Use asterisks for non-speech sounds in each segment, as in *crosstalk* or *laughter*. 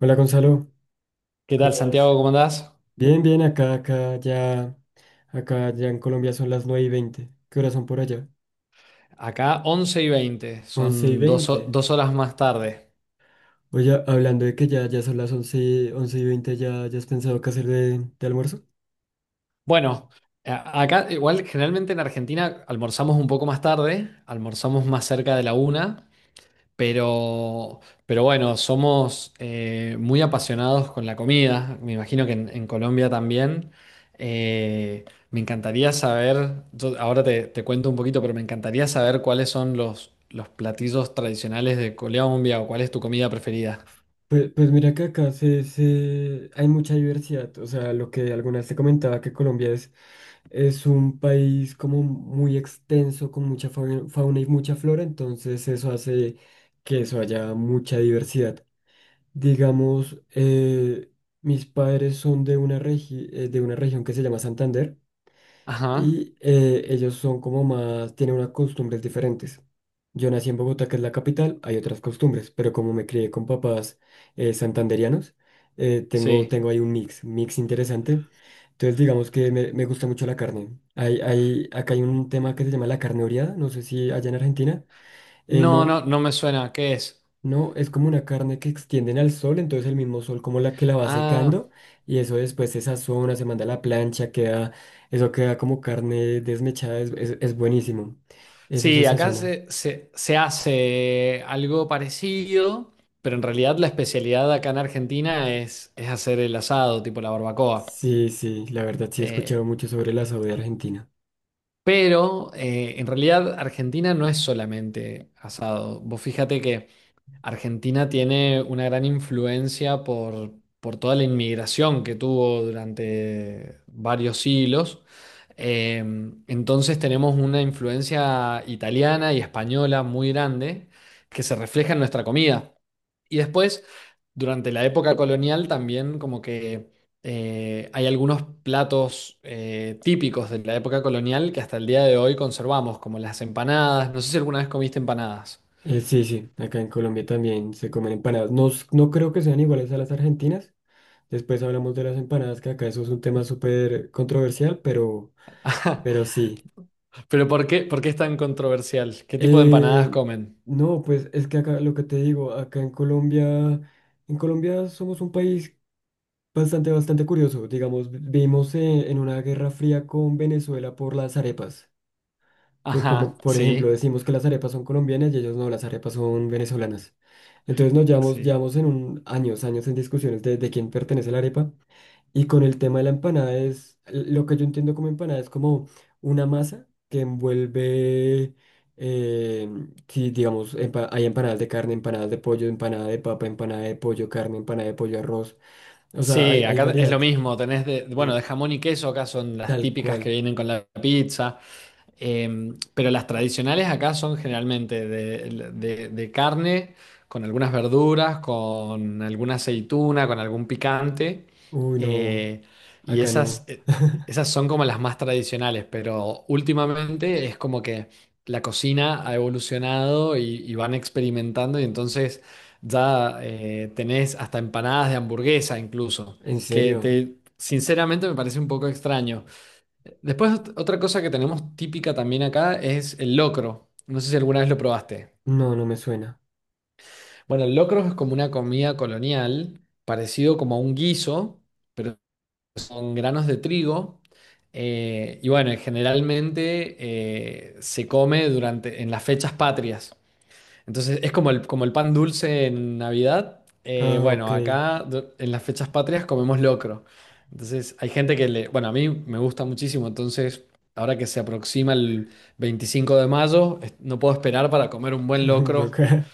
Hola Gonzalo, ¿Qué tal, ¿cómo Santiago? vas? ¿Cómo andás? Bien, bien, acá ya en Colombia son las 9:20. ¿Qué horas son por allá? Acá 11:20, 11 y son dos, ho- 20. dos horas más tarde. Oye, hablando de que ya son 11 y veinte. ¿Ya has pensado qué hacer de almuerzo? Bueno, acá igual generalmente en Argentina almorzamos un poco más tarde, almorzamos más cerca de la una, pero, pero bueno, somos muy apasionados con la comida, me imagino que en Colombia también. Eh, Me encantaría saber, yo ahora te cuento un poquito, pero me encantaría saber cuáles son los platillos tradicionales de Colombia o cuál es tu comida preferida. Pues mira que acá hay mucha diversidad. O sea, lo que algunas te comentaba que Colombia es un país como muy extenso, con mucha fauna y mucha flora, entonces eso hace que eso haya mucha diversidad. Digamos, mis padres son de una región que se llama Santander, Ajá, y ellos son como más, tienen unas costumbres diferentes. Yo nací en Bogotá, que es la capital, hay otras costumbres, pero como me crié con papás santanderianos, eh, tengo, sí. tengo ahí un mix interesante. Entonces, digamos que me gusta mucho la carne. Acá hay un tema que se llama la carne oreada, no sé si allá en Argentina. eh, No, no, no, no me suena. ¿Qué es? no, es como una carne que extienden al sol, entonces el mismo sol como la que la va Ah, secando, y eso después se sazona, se manda a la plancha, eso queda como carne desmechada, es buenísimo. Eso se sí, acá sazona. se hace algo parecido, pero en realidad la especialidad acá en Argentina es hacer el asado, tipo la barbacoa. Sí, sí, la verdad sí he Eh, escuchado mucho sobre el asado de Argentina. pero en realidad Argentina no es solamente asado. Vos fíjate que Argentina tiene una gran influencia por toda la inmigración que tuvo durante varios siglos. Eh, entonces tenemos una influencia italiana y española muy grande que se refleja en nuestra comida. Y después, durante la época colonial, también como que hay algunos platos típicos de la época colonial que hasta el día de hoy conservamos, como las empanadas. No sé si alguna vez comiste empanadas. Sí, sí, acá en Colombia también se comen empanadas. No, no creo que sean iguales a las argentinas. Después hablamos de las empanadas, que acá eso es un tema súper controversial, pero, sí. Pero por qué es tan controversial? ¿Qué tipo de empanadas Eh, comen? no, pues es que acá lo que te digo, acá en Colombia somos un país bastante curioso. Digamos, vivimos en una guerra fría con Venezuela por las arepas. Como, Ajá, por ejemplo, sí, decimos que las arepas son colombianas y ellos no, las arepas son venezolanas. Entonces nos llevamos, sí. llevamos años en discusiones de quién pertenece la arepa. Y con el tema de la empanada es, lo que yo entiendo como empanada es como una masa que envuelve, eh, si digamos, hay empanadas de carne, empanadas de pollo, empanada de papa, empanada de pollo, carne, empanada de pollo, arroz. O sea, hay, Sí, hay acá es lo variedad. mismo, tenés de, bueno, Sí, de jamón y queso, acá son las tal típicas que cual. vienen con la pizza. Pero las tradicionales acá son generalmente de carne, con algunas verduras, con alguna aceituna, con algún picante. Uy, no, eh, y acá esas, no. eh, esas son como las más tradicionales, pero últimamente es como que la cocina ha evolucionado y van experimentando y entonces ya tenés hasta empanadas de hamburguesa incluso, ¿En que serio? te, sinceramente me parece un poco extraño. Después, otra cosa que tenemos típica también acá es el locro. No sé si alguna vez lo probaste. No, no me suena. Bueno, el locro es como una comida colonial, parecido como a un guiso, pero son granos de trigo. Y bueno, generalmente se come en las fechas patrias. Entonces es como el pan dulce en Navidad. Ah, ok. Bueno, acá en las fechas patrias comemos locro. Entonces hay gente que le... Bueno, a mí me gusta muchísimo, entonces ahora que se aproxima el 25 de mayo, no puedo esperar para comer un *laughs* buen Un locro. boca.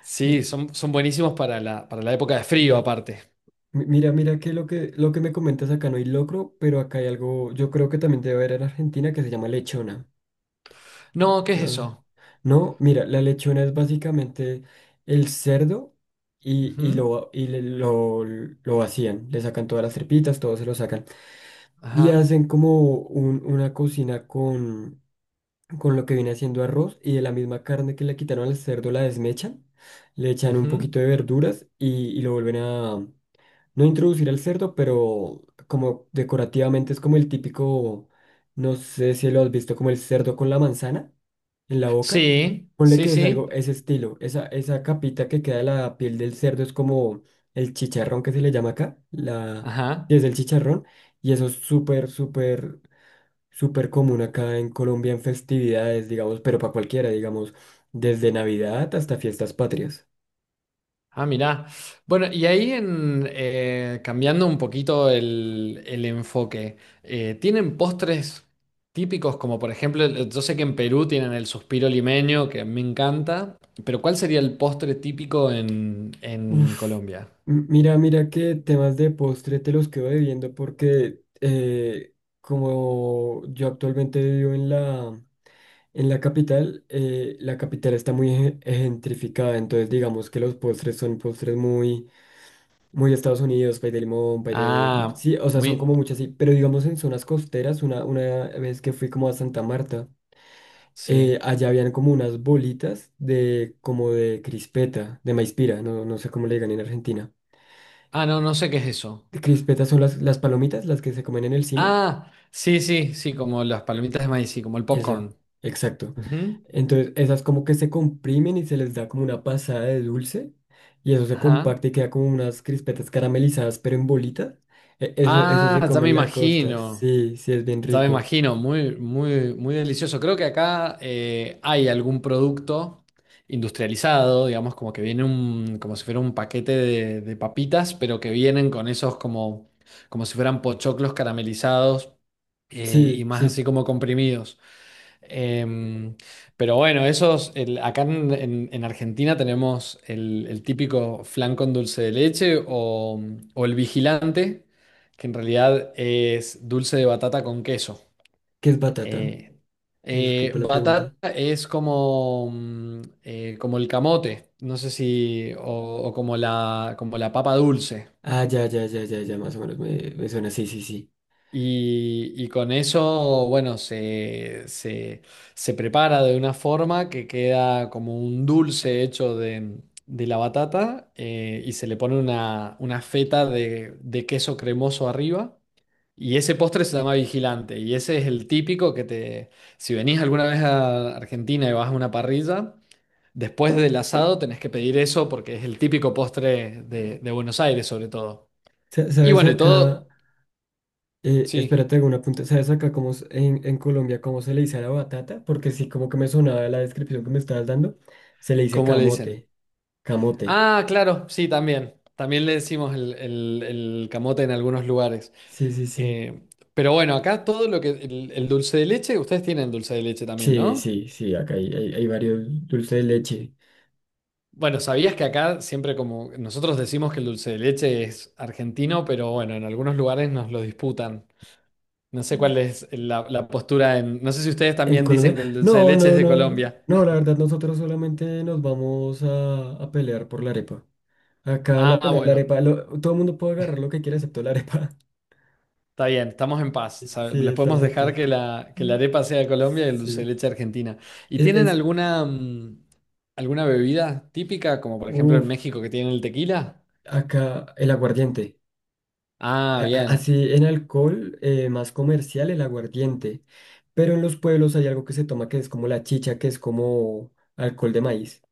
Sí, son buenísimos para la época de frío aparte. Mira que lo que me comentas acá no hay locro, pero acá hay algo, yo creo que también debe haber en Argentina que se llama lechona. No, ¿qué es No, eso? no, mira, la lechona es básicamente el cerdo, y Ujú. lo vacían, le sacan todas las tripitas, todo se lo sacan. Y Ajá. hacen como una cocina con lo que viene haciendo arroz, y de la misma carne que le quitaron al cerdo la desmechan, le echan un Ujú. poquito de verduras, y lo vuelven a no introducir al cerdo, pero como decorativamente es como el típico, no sé si lo has visto, como el cerdo con la manzana en la boca. Sí, Ponle sí, que es sí. algo, ese estilo, esa capita que queda de la piel del cerdo es como el chicharrón que se le llama acá, sí, Ajá. es el chicharrón, y eso es súper, súper, súper común acá en Colombia en festividades, digamos, pero para cualquiera, digamos, desde Navidad hasta fiestas patrias. Ah, mirá. Bueno, y ahí cambiando un poquito el enfoque, ¿tienen postres típicos como por ejemplo, el- yo sé que en Perú tienen el suspiro limeño, que me encanta, pero ¿cuál sería el postre típico en Uf, Colombia? mira que temas de postre te los quedo debiendo porque como yo actualmente vivo en la capital, la capital está muy gentrificada, entonces digamos que los postres son postres muy, muy Estados Unidos, pay de limón, pay de... Ah, Sí, o sea, son muy... como muchas, sí, pero digamos en zonas costeras, una vez que fui como a Santa Marta, Sí. allá habían como unas bolitas de como de crispeta, de maíz pira, no, no sé cómo le digan en Argentina. Ah, no, no sé qué es eso. Crispetas son las palomitas, las que se comen en el cine. Ah, sí, sí, sí, como las palomitas de maíz, sí, como el Eso, popcorn. exacto. Ujú. Entonces, esas como que se comprimen y se les da como una pasada de dulce, y eso se Ajá. comparte y queda como unas crispetas caramelizadas pero en bolitas. Eso se Ah, ya come me en la costa. imagino. Sí, sí, es bien Ya me rico. imagino, muy, muy, muy delicioso. Creo que acá hay algún producto industrializado, digamos, como que viene como si fuera un paquete de papitas, pero que vienen con esos como si fueran pochoclos caramelizados y Sí, más sí, así como comprimidos. Em, pero bueno, acá en Argentina tenemos el típico flan con dulce de leche o el vigilante, que en realidad es dulce de batata con queso. ¿qué es batata? Eh, Disculpa la Batata pregunta. es como el camote, no sé si, o como la papa dulce. Ah, ya, ya, ya, ya, ya, más o menos me suena. Sí, sí, sí. Y con eso, bueno, se prepara de una forma que queda como un dulce hecho de la batata y se le pone una feta de queso cremoso arriba. Y ese postre se llama Vigilante, y ese es el típico si venís alguna vez a Argentina y vas a una parrilla, después del asado tenés que pedir eso porque es el típico postre de Buenos Aires sobre todo. Y ¿Sabes bueno, y acá? todo, sí, Espérate, hago un apunte. ¿Sabes acá cómo en Colombia cómo se le dice a la batata? Porque sí, como que me sonaba la descripción que me estabas dando. Se le dice ¿cómo le dicen? camote. Camote. Ah, claro, sí, también. También le decimos el camote en algunos lugares. Sí, sí, sí. Eh, pero bueno, acá todo lo que, el dulce de leche, ustedes tienen dulce de leche también, Sí, ¿no? sí, sí. Acá hay varios dulces de leche. Bueno, ¿sabías que acá siempre como nosotros decimos que el dulce de leche es argentino, pero bueno, en algunos lugares nos lo disputan. No sé Mm. cuál es la postura en... No sé si ustedes En también Colombia. dicen que el dulce de No, leche es no, de no. Colombia. No, la verdad, nosotros solamente nos vamos a pelear por la arepa. Acá la Ah, pelea es la bueno, arepa. Todo el mundo puede agarrar lo que quiera excepto la arepa. *laughs* está bien, estamos en paz. Sí, Les podemos estamos en dejar paz. Que la Mm. arepa sea de Colombia y el dulce Sí. de leche argentina. ¿Y Es, tienen es, alguna, mm, alguna bebida típica, como por ejemplo en uf. México que tienen el tequila? Acá el aguardiente. Ah, bien. Así en alcohol más comercial el aguardiente. Pero en los pueblos hay algo que se toma que es como la chicha, que es como alcohol de maíz.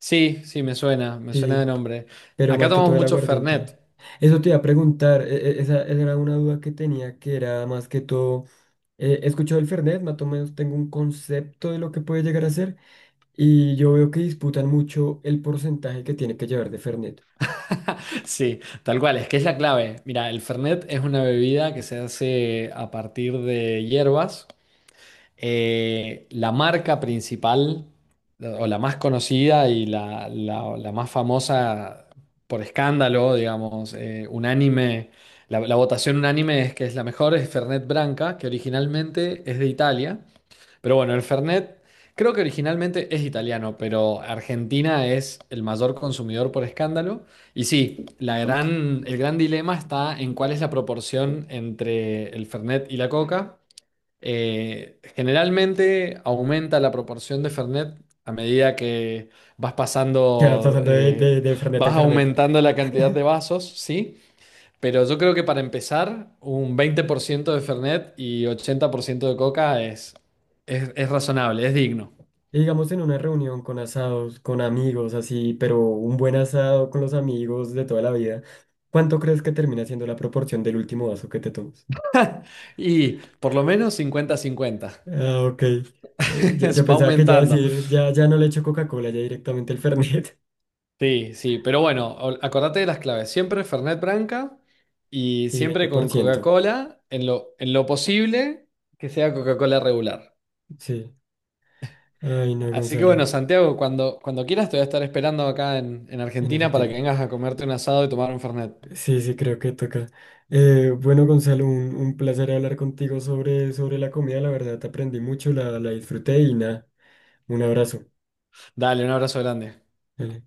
Sí, sí, me suena de Sí, nombre. pero Acá más que todo tomamos el mucho aguardiente. Fernet. Eso te iba a preguntar, esa era una duda que tenía, que era más que todo, he escuchado el Fernet, más o menos tengo un concepto de lo que puede llegar a ser, y yo veo que disputan mucho el porcentaje que tiene que llevar de Fernet. Sí, tal cual, es que es la clave. Mira, el Fernet es una bebida que se hace a partir de hierbas. La marca principal, o la más conocida y la más famosa por escándalo, digamos, unánime, la votación unánime es que es la mejor, es Fernet Branca, que originalmente es de Italia. Pero bueno, el Fernet creo que originalmente es italiano, pero Argentina es el mayor consumidor por escándalo. Y sí, la gran, el gran dilema está en cuál es la proporción entre el Fernet y la Coca. Generalmente aumenta la proporción de Fernet a medida que vas Quedas pasando, pasando de, de, eh, de Fernet vas en Fernet. aumentando la cantidad de vasos, ¿sí? Pero yo creo que para empezar, un 20% de Fernet y 80% de Coca es, es razonable, es digno. Y digamos en una reunión con asados, con amigos, así, pero un buen asado con los amigos de toda la vida, ¿cuánto crees que termina siendo la proporción del último vaso que te tomas? Y por lo menos 50-50. *laughs* Ah, ok. Eh, yo, yo Va pensaba que ya aumentando. decir, ya, ya no le echo Coca-Cola, ya directamente el Fernet. Sí, sí, pero bueno, acordate de las claves. Siempre Fernet Branca *laughs* y ¿Y veinte siempre por con ciento Coca-Cola, en lo posible que sea Coca-Cola regular. Sí. Ay, no, Así que Gonzalo, bueno, Santiago, cuando quieras te voy a estar esperando acá en, en Argentina para que Argentina. vengas a comerte un asado y tomar un Fernet. Sí, sí, creo que toca. Bueno, Gonzalo, un placer hablar contigo sobre la comida. La verdad, aprendí mucho, la disfruté y nada, un abrazo. Dale, un abrazo grande. Dale.